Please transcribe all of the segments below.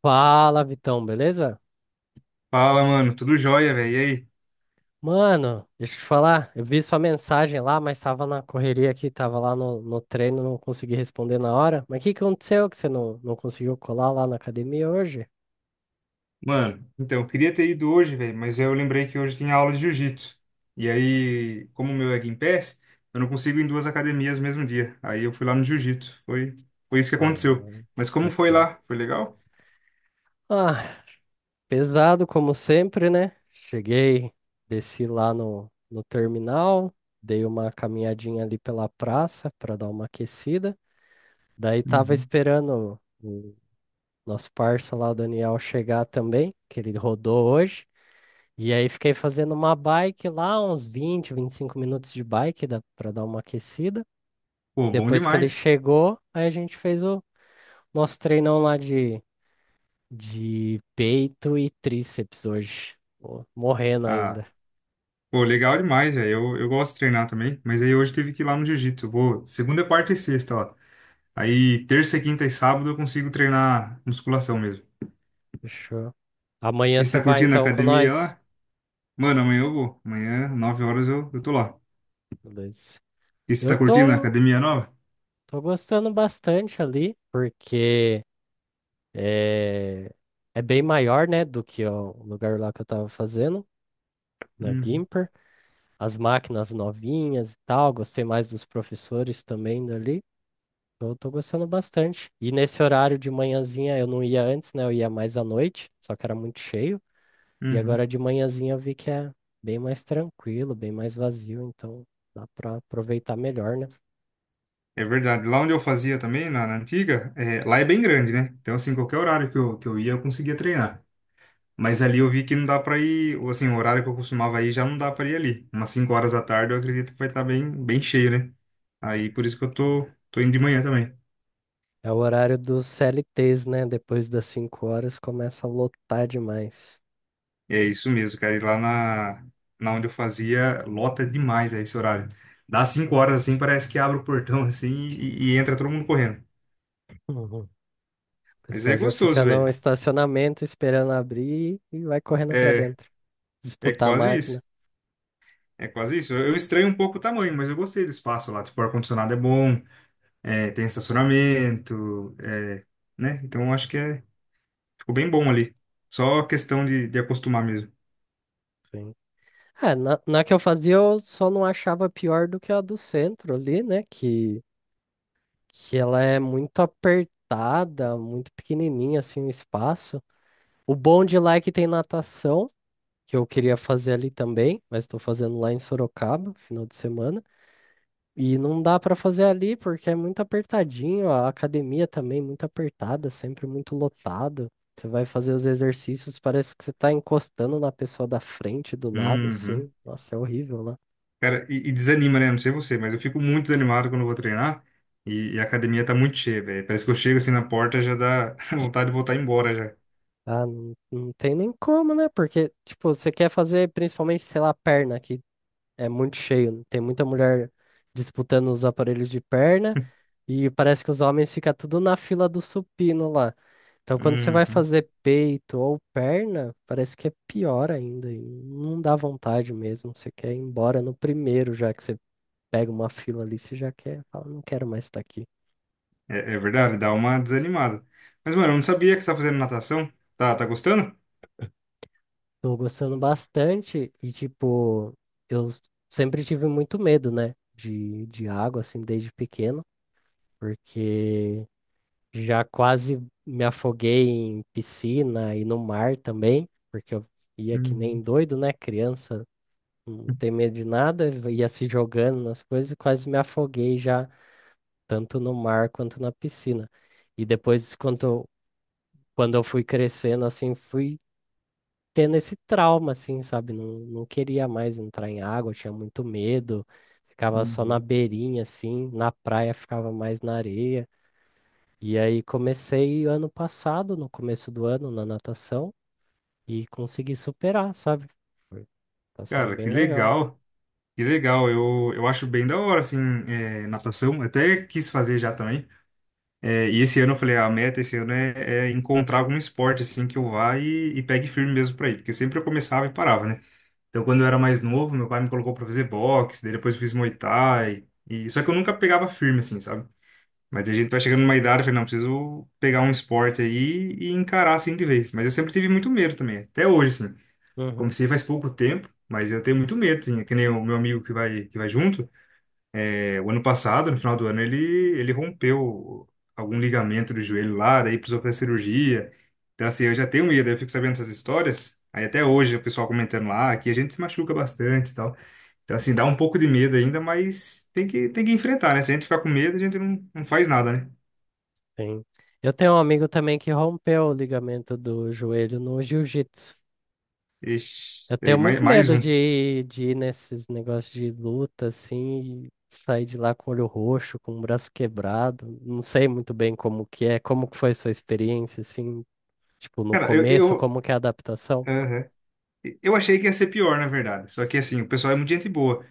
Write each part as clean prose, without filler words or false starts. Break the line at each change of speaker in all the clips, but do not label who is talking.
Fala, Vitão, beleza?
Fala, mano. Tudo jóia, velho. E aí?
Mano, deixa eu te falar, eu vi sua mensagem lá, mas tava na correria aqui, tava lá no treino, não consegui responder na hora. Mas o que que aconteceu que você não conseguiu colar lá na academia hoje?
Mano, então, eu queria ter ido hoje, velho, mas eu lembrei que hoje tinha aula de jiu-jitsu. E aí, como o meu é Gympass, eu não consigo ir em duas academias no mesmo dia. Aí eu fui lá no jiu-jitsu. Foi isso que aconteceu.
Ah,
Mas como foi
saquei.
lá? Foi legal?
Ah, pesado como sempre, né? Cheguei, desci lá no terminal, dei uma caminhadinha ali pela praça para dar uma aquecida. Daí tava
Uhum.
esperando o nosso parça lá, o Daniel, chegar também, que ele rodou hoje. E aí fiquei fazendo uma bike lá, uns 20 25 minutos de bike dá para dar uma aquecida.
Pô, bom
Depois que ele
demais.
chegou, aí a gente fez o nosso treinão lá de peito e tríceps hoje. Pô, morrendo
Ah,
ainda.
pô, legal demais, velho. Eu gosto de treinar também, mas aí hoje tive que ir lá no jiu-jitsu. Eu Vou segunda, quarta e sexta, ó. Aí terça, quinta e sábado eu consigo treinar musculação mesmo.
Fechou. Amanhã
E você
você
tá
vai
curtindo a
então com
academia
nós?
lá? Mano, amanhã eu vou. Amanhã, 9 horas, eu tô lá.
Beleza.
E você
Eu
tá curtindo a
tô,
academia nova?
tô gostando bastante ali, porque. É, é bem maior, né, do que o lugar lá que eu estava fazendo, na
Uhum,
Gimper. As máquinas novinhas e tal, gostei mais dos professores também dali. Então, eu tô gostando bastante. E nesse horário de manhãzinha eu não ia antes, né? Eu ia mais à noite, só que era muito cheio. E
uhum.
agora de manhãzinha eu vi que é bem mais tranquilo, bem mais vazio, então dá para aproveitar melhor, né?
É verdade. Lá onde eu fazia também, na antiga, é, lá é bem grande, né? Então, assim, qualquer horário que eu ia, eu conseguia treinar. Mas ali eu vi que não dá pra ir, ou assim, o horário que eu costumava ir já não dá pra ir ali. Umas 5 horas da tarde, eu acredito que vai estar bem, bem cheio, né? Aí, por isso que eu tô indo de manhã também.
É o horário dos CLTs, né? Depois das 5 horas começa a lotar demais.
É isso mesmo, cara. E lá na, na onde eu fazia, lota demais a esse horário. Dá 5 horas assim, parece que abre o portão assim e entra todo mundo correndo.
O
Mas é
pessoal já fica
gostoso, velho.
no estacionamento esperando abrir e vai correndo pra
É,
dentro,
é
disputar a
quase
máquina.
isso. É quase isso. Eu estranho um pouco o tamanho, mas eu gostei do espaço lá. Tipo, o ar-condicionado é bom, é, tem estacionamento, é, né? Então eu acho que é, ficou bem bom ali. Só questão de acostumar mesmo.
Sim. É, na que eu fazia, eu só não achava pior do que a do centro ali, né? Que ela é muito apertada, muito pequenininha, assim, o espaço. O bom de lá é que tem natação, que eu queria fazer ali também, mas estou fazendo lá em Sorocaba, final de semana. E não dá para fazer ali porque é muito apertadinho, a academia também é muito apertada, sempre muito lotado. Você vai fazer os exercícios, parece que você tá encostando na pessoa da frente, do lado,
Uhum.
assim. Nossa, é horrível lá.
Cara, e desanima, né? Não sei você, mas eu fico muito desanimado quando eu vou treinar e a academia tá muito cheia, velho. Parece que eu chego assim na porta já dá vontade de voltar embora já.
Ah, não tem nem como, né? Porque, tipo, você quer fazer principalmente, sei lá, perna, que é muito cheio. Né? Tem muita mulher disputando os aparelhos de perna e parece que os homens ficam tudo na fila do supino lá. Então, quando você vai
Uhum.
fazer peito ou perna, parece que é pior ainda. E não dá vontade mesmo. Você quer ir embora no primeiro, já que você pega uma fila ali, você já quer, fala, não quero mais estar aqui.
É verdade, dá uma desanimada. Mas, mano, eu não sabia que você tá fazendo natação. Tá gostando?
Tô gostando bastante e, tipo, eu s- sempre tive muito medo, né, de água, assim, desde pequeno, porque já quase me afoguei em piscina e no mar também, porque eu ia que nem
Uhum.
doido, né, criança não tem medo de nada, ia se jogando nas coisas e quase me afoguei já, tanto no mar quanto na piscina. E depois, quando, quando eu fui crescendo, assim, fui tendo esse trauma, assim, sabe? Não queria mais entrar em água, tinha muito medo, ficava só na
Uhum.
beirinha, assim, na praia ficava mais na areia. E aí comecei ano passado, no começo do ano, na natação, e consegui superar, sabe? Foi- Tá sendo
Cara,
bem
que
legal.
legal, que legal. Eu acho bem da hora, assim, é, natação. Eu Até quis fazer já também. É, e esse ano eu falei, "Ah, a meta esse ano é encontrar algum esporte assim que eu vá e pegue firme mesmo pra ir, porque sempre eu começava e parava, né? Então quando eu era mais novo, meu pai me colocou pra fazer boxe, daí depois eu fiz Muay Thai, e só que eu nunca pegava firme assim, sabe? Mas a gente vai chegando numa idade, eu falei, não, preciso pegar um esporte aí e encarar assim de vez. Mas eu sempre tive muito medo também, até hoje assim.
Uhum.
Comecei faz pouco tempo, mas eu tenho muito medo, assim, é que nem o meu amigo que vai junto. É, O ano passado, no final do ano, ele rompeu algum ligamento do joelho lá, daí precisou fazer cirurgia. Então, assim, eu já tenho medo, eu fico sabendo essas histórias. Aí até hoje o pessoal comentando lá, aqui a gente se machuca bastante e tal. Então, assim, dá um pouco de medo ainda, mas tem que enfrentar, né? Se a gente ficar com medo, a gente não faz nada, né?
Sim. Eu tenho um amigo também que rompeu o ligamento do joelho no jiu-jitsu.
Ixi,
Eu
aí,
tenho
mais,
muito
mais
medo
um.
de, de ir nesses negócios de luta, assim, e sair de lá com o olho roxo, com o braço quebrado. Não sei muito bem como que é, como que foi sua experiência, assim, tipo, no
Cara,
começo, como que é a adaptação?
aham. Eu achei que ia ser pior, na verdade. Só que, assim, o pessoal é muito gente boa.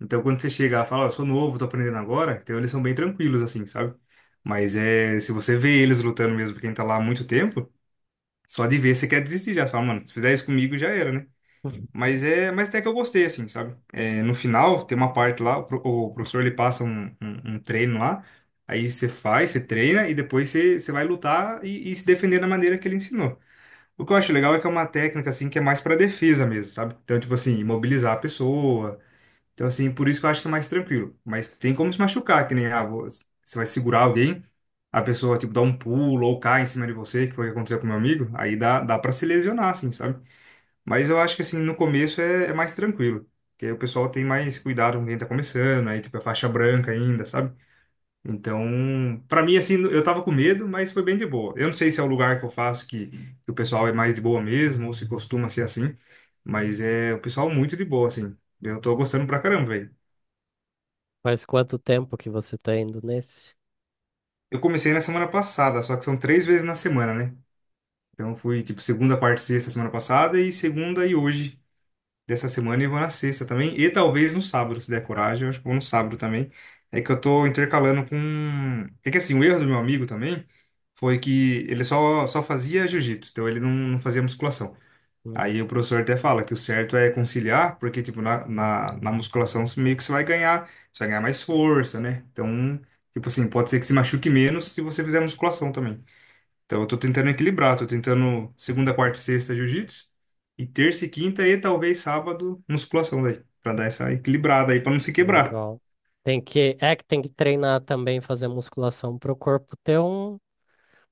Então, quando você chega e fala, ó, eu sou novo, tô aprendendo agora, então eles são bem tranquilos, assim, sabe? Mas é, se você vê eles lutando mesmo, quem tá lá há muito tempo, só de ver você quer desistir já. Você Fala, mano, se fizer isso comigo já era, né?
Uhum.
Mas é, mas até que eu gostei, assim, sabe? É, no final, tem uma parte lá, o, pro- o professor ele passa um treino lá, aí você faz, você treina e depois você vai lutar e se defender da maneira que ele ensinou. O que eu acho legal é que é uma técnica, assim, que é mais pra defesa mesmo, sabe? Então, tipo assim, imobilizar a pessoa então, assim, por isso que eu acho que é mais tranquilo. Mas tem como se machucar, que nem, ah, você vai segurar alguém, a pessoa, tipo, dá um pulo ou cai em cima de você, que foi o que aconteceu com meu amigo, aí dá pra se lesionar, assim, sabe? Mas eu acho que, assim, no começo é mais tranquilo. Porque aí o pessoal tem mais cuidado com quem tá começando, aí, tipo, é faixa branca ainda, sabe? Então, pra mim, assim, eu tava com medo, mas foi bem de boa. Eu não sei se é o lugar que eu faço que o pessoal é mais de boa mesmo, ou se costuma ser assim, mas é o pessoal muito de boa, assim. Eu tô gostando pra caramba, velho.
Faz quanto tempo que você tá indo nesse?
Eu comecei na semana passada, só que são três vezes na semana, né? Então fui tipo segunda, quarta, e sexta semana passada e segunda e hoje dessa semana e vou na sexta também. E talvez no sábado, se der coragem, eu acho que vou no sábado também. É que eu tô intercalando com. É que assim, o erro do meu amigo também foi que ele só fazia jiu-jitsu, então ele não fazia musculação. Aí
Uhum.
o professor até fala que o certo é conciliar, porque, tipo, na musculação você meio que você vai ganhar mais força, né? Então, tipo assim, pode ser que se machuque menos se você fizer musculação também. Então, eu tô tentando equilibrar, tô tentando segunda, quarta e sexta jiu-jitsu, e terça e quinta e talvez sábado musculação daí, pra dar essa equilibrada aí, pra não se quebrar.
Legal. Tem que, é que tem que treinar também, fazer musculação para o corpo ter um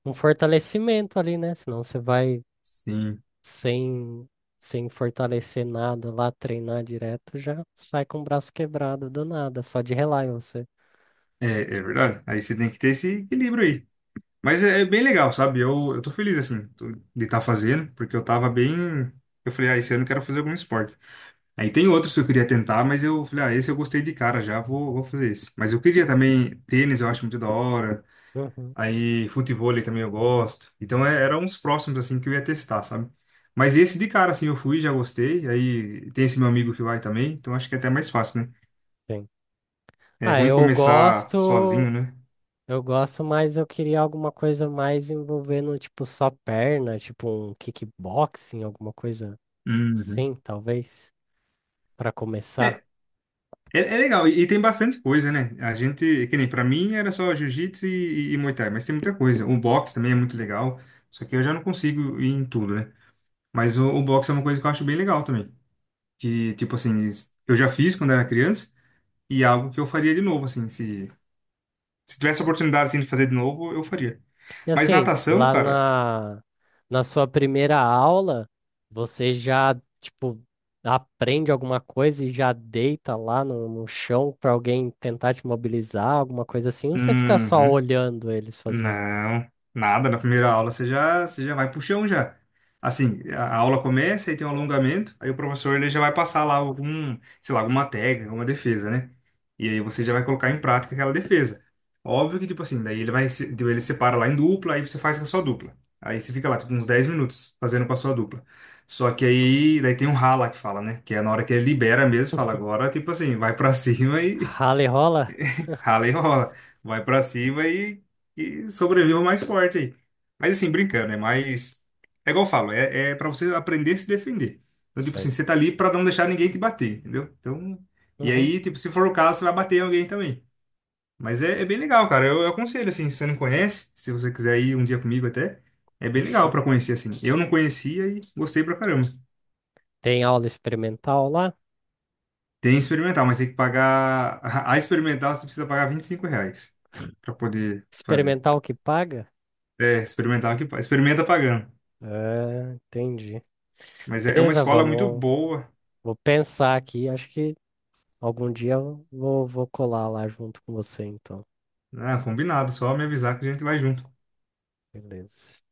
fortalecimento ali, né? Senão você vai
Sim,
sem, sem fortalecer nada lá, treinar direto, já sai com o braço quebrado do nada, só de relar em você.
é, é verdade. Aí você tem que ter esse equilíbrio aí. Mas é, é bem legal, sabe? Eu tô feliz, assim, de estar fazendo, porque eu tava bem. Eu falei, ah, esse ano eu quero fazer algum esporte. Aí tem outros que eu queria tentar, mas eu falei, ah, esse eu gostei de cara já, vou fazer esse. Mas eu queria também tênis, eu acho muito da hora.
Uhum,
Aí futevôlei também eu gosto. Então é, eram uns próximos, assim, que eu ia testar, sabe? Mas esse de cara, assim, eu fui, já gostei. Aí tem esse meu amigo que vai também, então acho que é até mais fácil, né?
sim.
É
Ah,
ruim começar sozinho, né?
eu gosto, mas eu queria alguma coisa mais envolvendo, tipo, só perna, tipo um kickboxing, alguma coisa
Uhum.
assim, talvez, pra começar.
É, é legal, e tem bastante coisa, né? A gente, que nem pra mim era só jiu-jitsu e Muay Thai, mas tem muita coisa. O boxe também é muito legal, só que eu já não consigo ir em tudo, né? Mas o boxe é uma coisa que eu acho bem legal também. Que, tipo assim, eu já fiz quando era criança e é algo que eu faria de novo, assim, se tivesse a oportunidade, assim, de fazer de novo, eu faria.
E
Mas
assim,
natação,
lá
cara,
na sua primeira aula, você já, tipo, aprende alguma coisa e já deita lá no chão para alguém tentar te mobilizar, alguma coisa assim, ou você fica só
uhum.
olhando eles fazer?
Não, nada. Na primeira aula você já vai pro chão já. Assim, a aula começa e tem um alongamento, aí o professor ele já vai passar lá algum, sei lá, alguma técnica, alguma defesa, né? E aí você já vai colocar em prática aquela defesa. Óbvio que, tipo assim, daí ele vai, tipo, ele separa lá em dupla, aí você faz com a sua dupla. Aí você fica lá, tipo, uns 10 minutos fazendo com a sua dupla. Só que aí, daí tem um rala que fala, né? Que é na hora que ele libera mesmo, fala agora, tipo assim, vai pra cima
Rala e rola?
Rala e rola. Vai pra cima e sobreviva mais forte aí. Mas assim, brincando, né? Mas é igual eu falo, é para você aprender a se defender. Então, tipo assim,
Sim.
você tá ali pra não deixar ninguém te bater, entendeu? Então, e
Uhum,
aí, tipo, se for o caso, você vai bater em alguém também. Mas é, é bem legal, cara. Eu aconselho, assim, se você não conhece, se você quiser ir um dia comigo até, é bem legal
fechou.
pra conhecer, assim. Eu não conhecia e gostei pra caramba.
Tem aula experimental lá?
Tem experimental, mas tem que pagar. A experimental você precisa pagar R$ 25 pra poder fazer.
Experimental que paga?
É, experimentar que experimenta pagando.
É, entendi.
Mas é, é uma
Beleza,
escola muito
vamos.
boa.
Vou pensar aqui. Acho que algum dia eu vou colar lá junto com você, então.
Ah, combinado, só me avisar que a gente vai junto.
Beleza.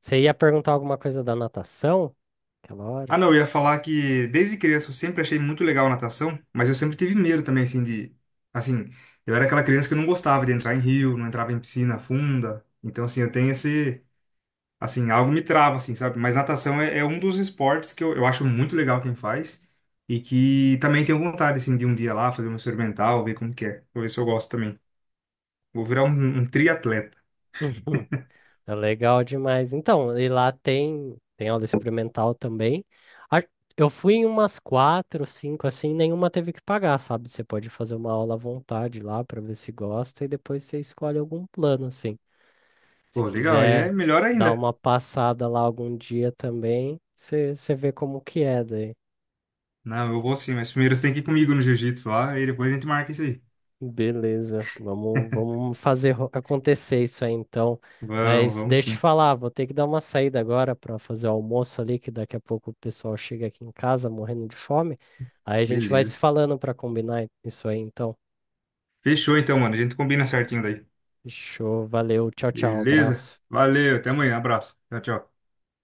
Você ia perguntar alguma coisa da natação? Aquela hora.
Ah, não, eu ia falar que desde criança eu sempre achei muito legal natação, mas eu sempre tive medo também, assim, de. Assim, eu era aquela criança que não gostava de entrar em rio, não entrava em piscina funda. Então, assim, eu tenho esse. Assim, algo me trava, assim, sabe? Mas natação é um dos esportes que eu acho muito legal quem faz e que também tenho vontade, assim, de um dia lá fazer uma experimental, ver como que é. Vou ver se eu gosto também. Vou virar um triatleta.
É legal demais. Então, e lá tem aula experimental também. A- Eu fui em umas quatro, cinco, assim, nenhuma teve que pagar, sabe? Você pode fazer uma aula à vontade lá para ver se gosta e depois você escolhe algum plano, assim. Se
Pô, legal, e é
quiser
melhor
dar
ainda.
uma passada lá algum dia também, você vê como que é daí.
Não, eu vou sim, mas primeiro você tem que ir comigo no jiu-jitsu lá e depois a gente marca isso aí.
Beleza, vamos, fazer acontecer isso aí então.
Vamos,
Mas
vamos
deixa eu te
sim.
falar, vou ter que dar uma saída agora para fazer o almoço ali, que daqui a pouco o pessoal chega aqui em casa morrendo de fome. Aí a gente vai se
Beleza.
falando para combinar isso aí então.
Fechou então, mano. A gente combina certinho daí.
Fechou, valeu, tchau, tchau,
Beleza?
abraço.
Valeu, até amanhã. Abraço. Tchau, tchau.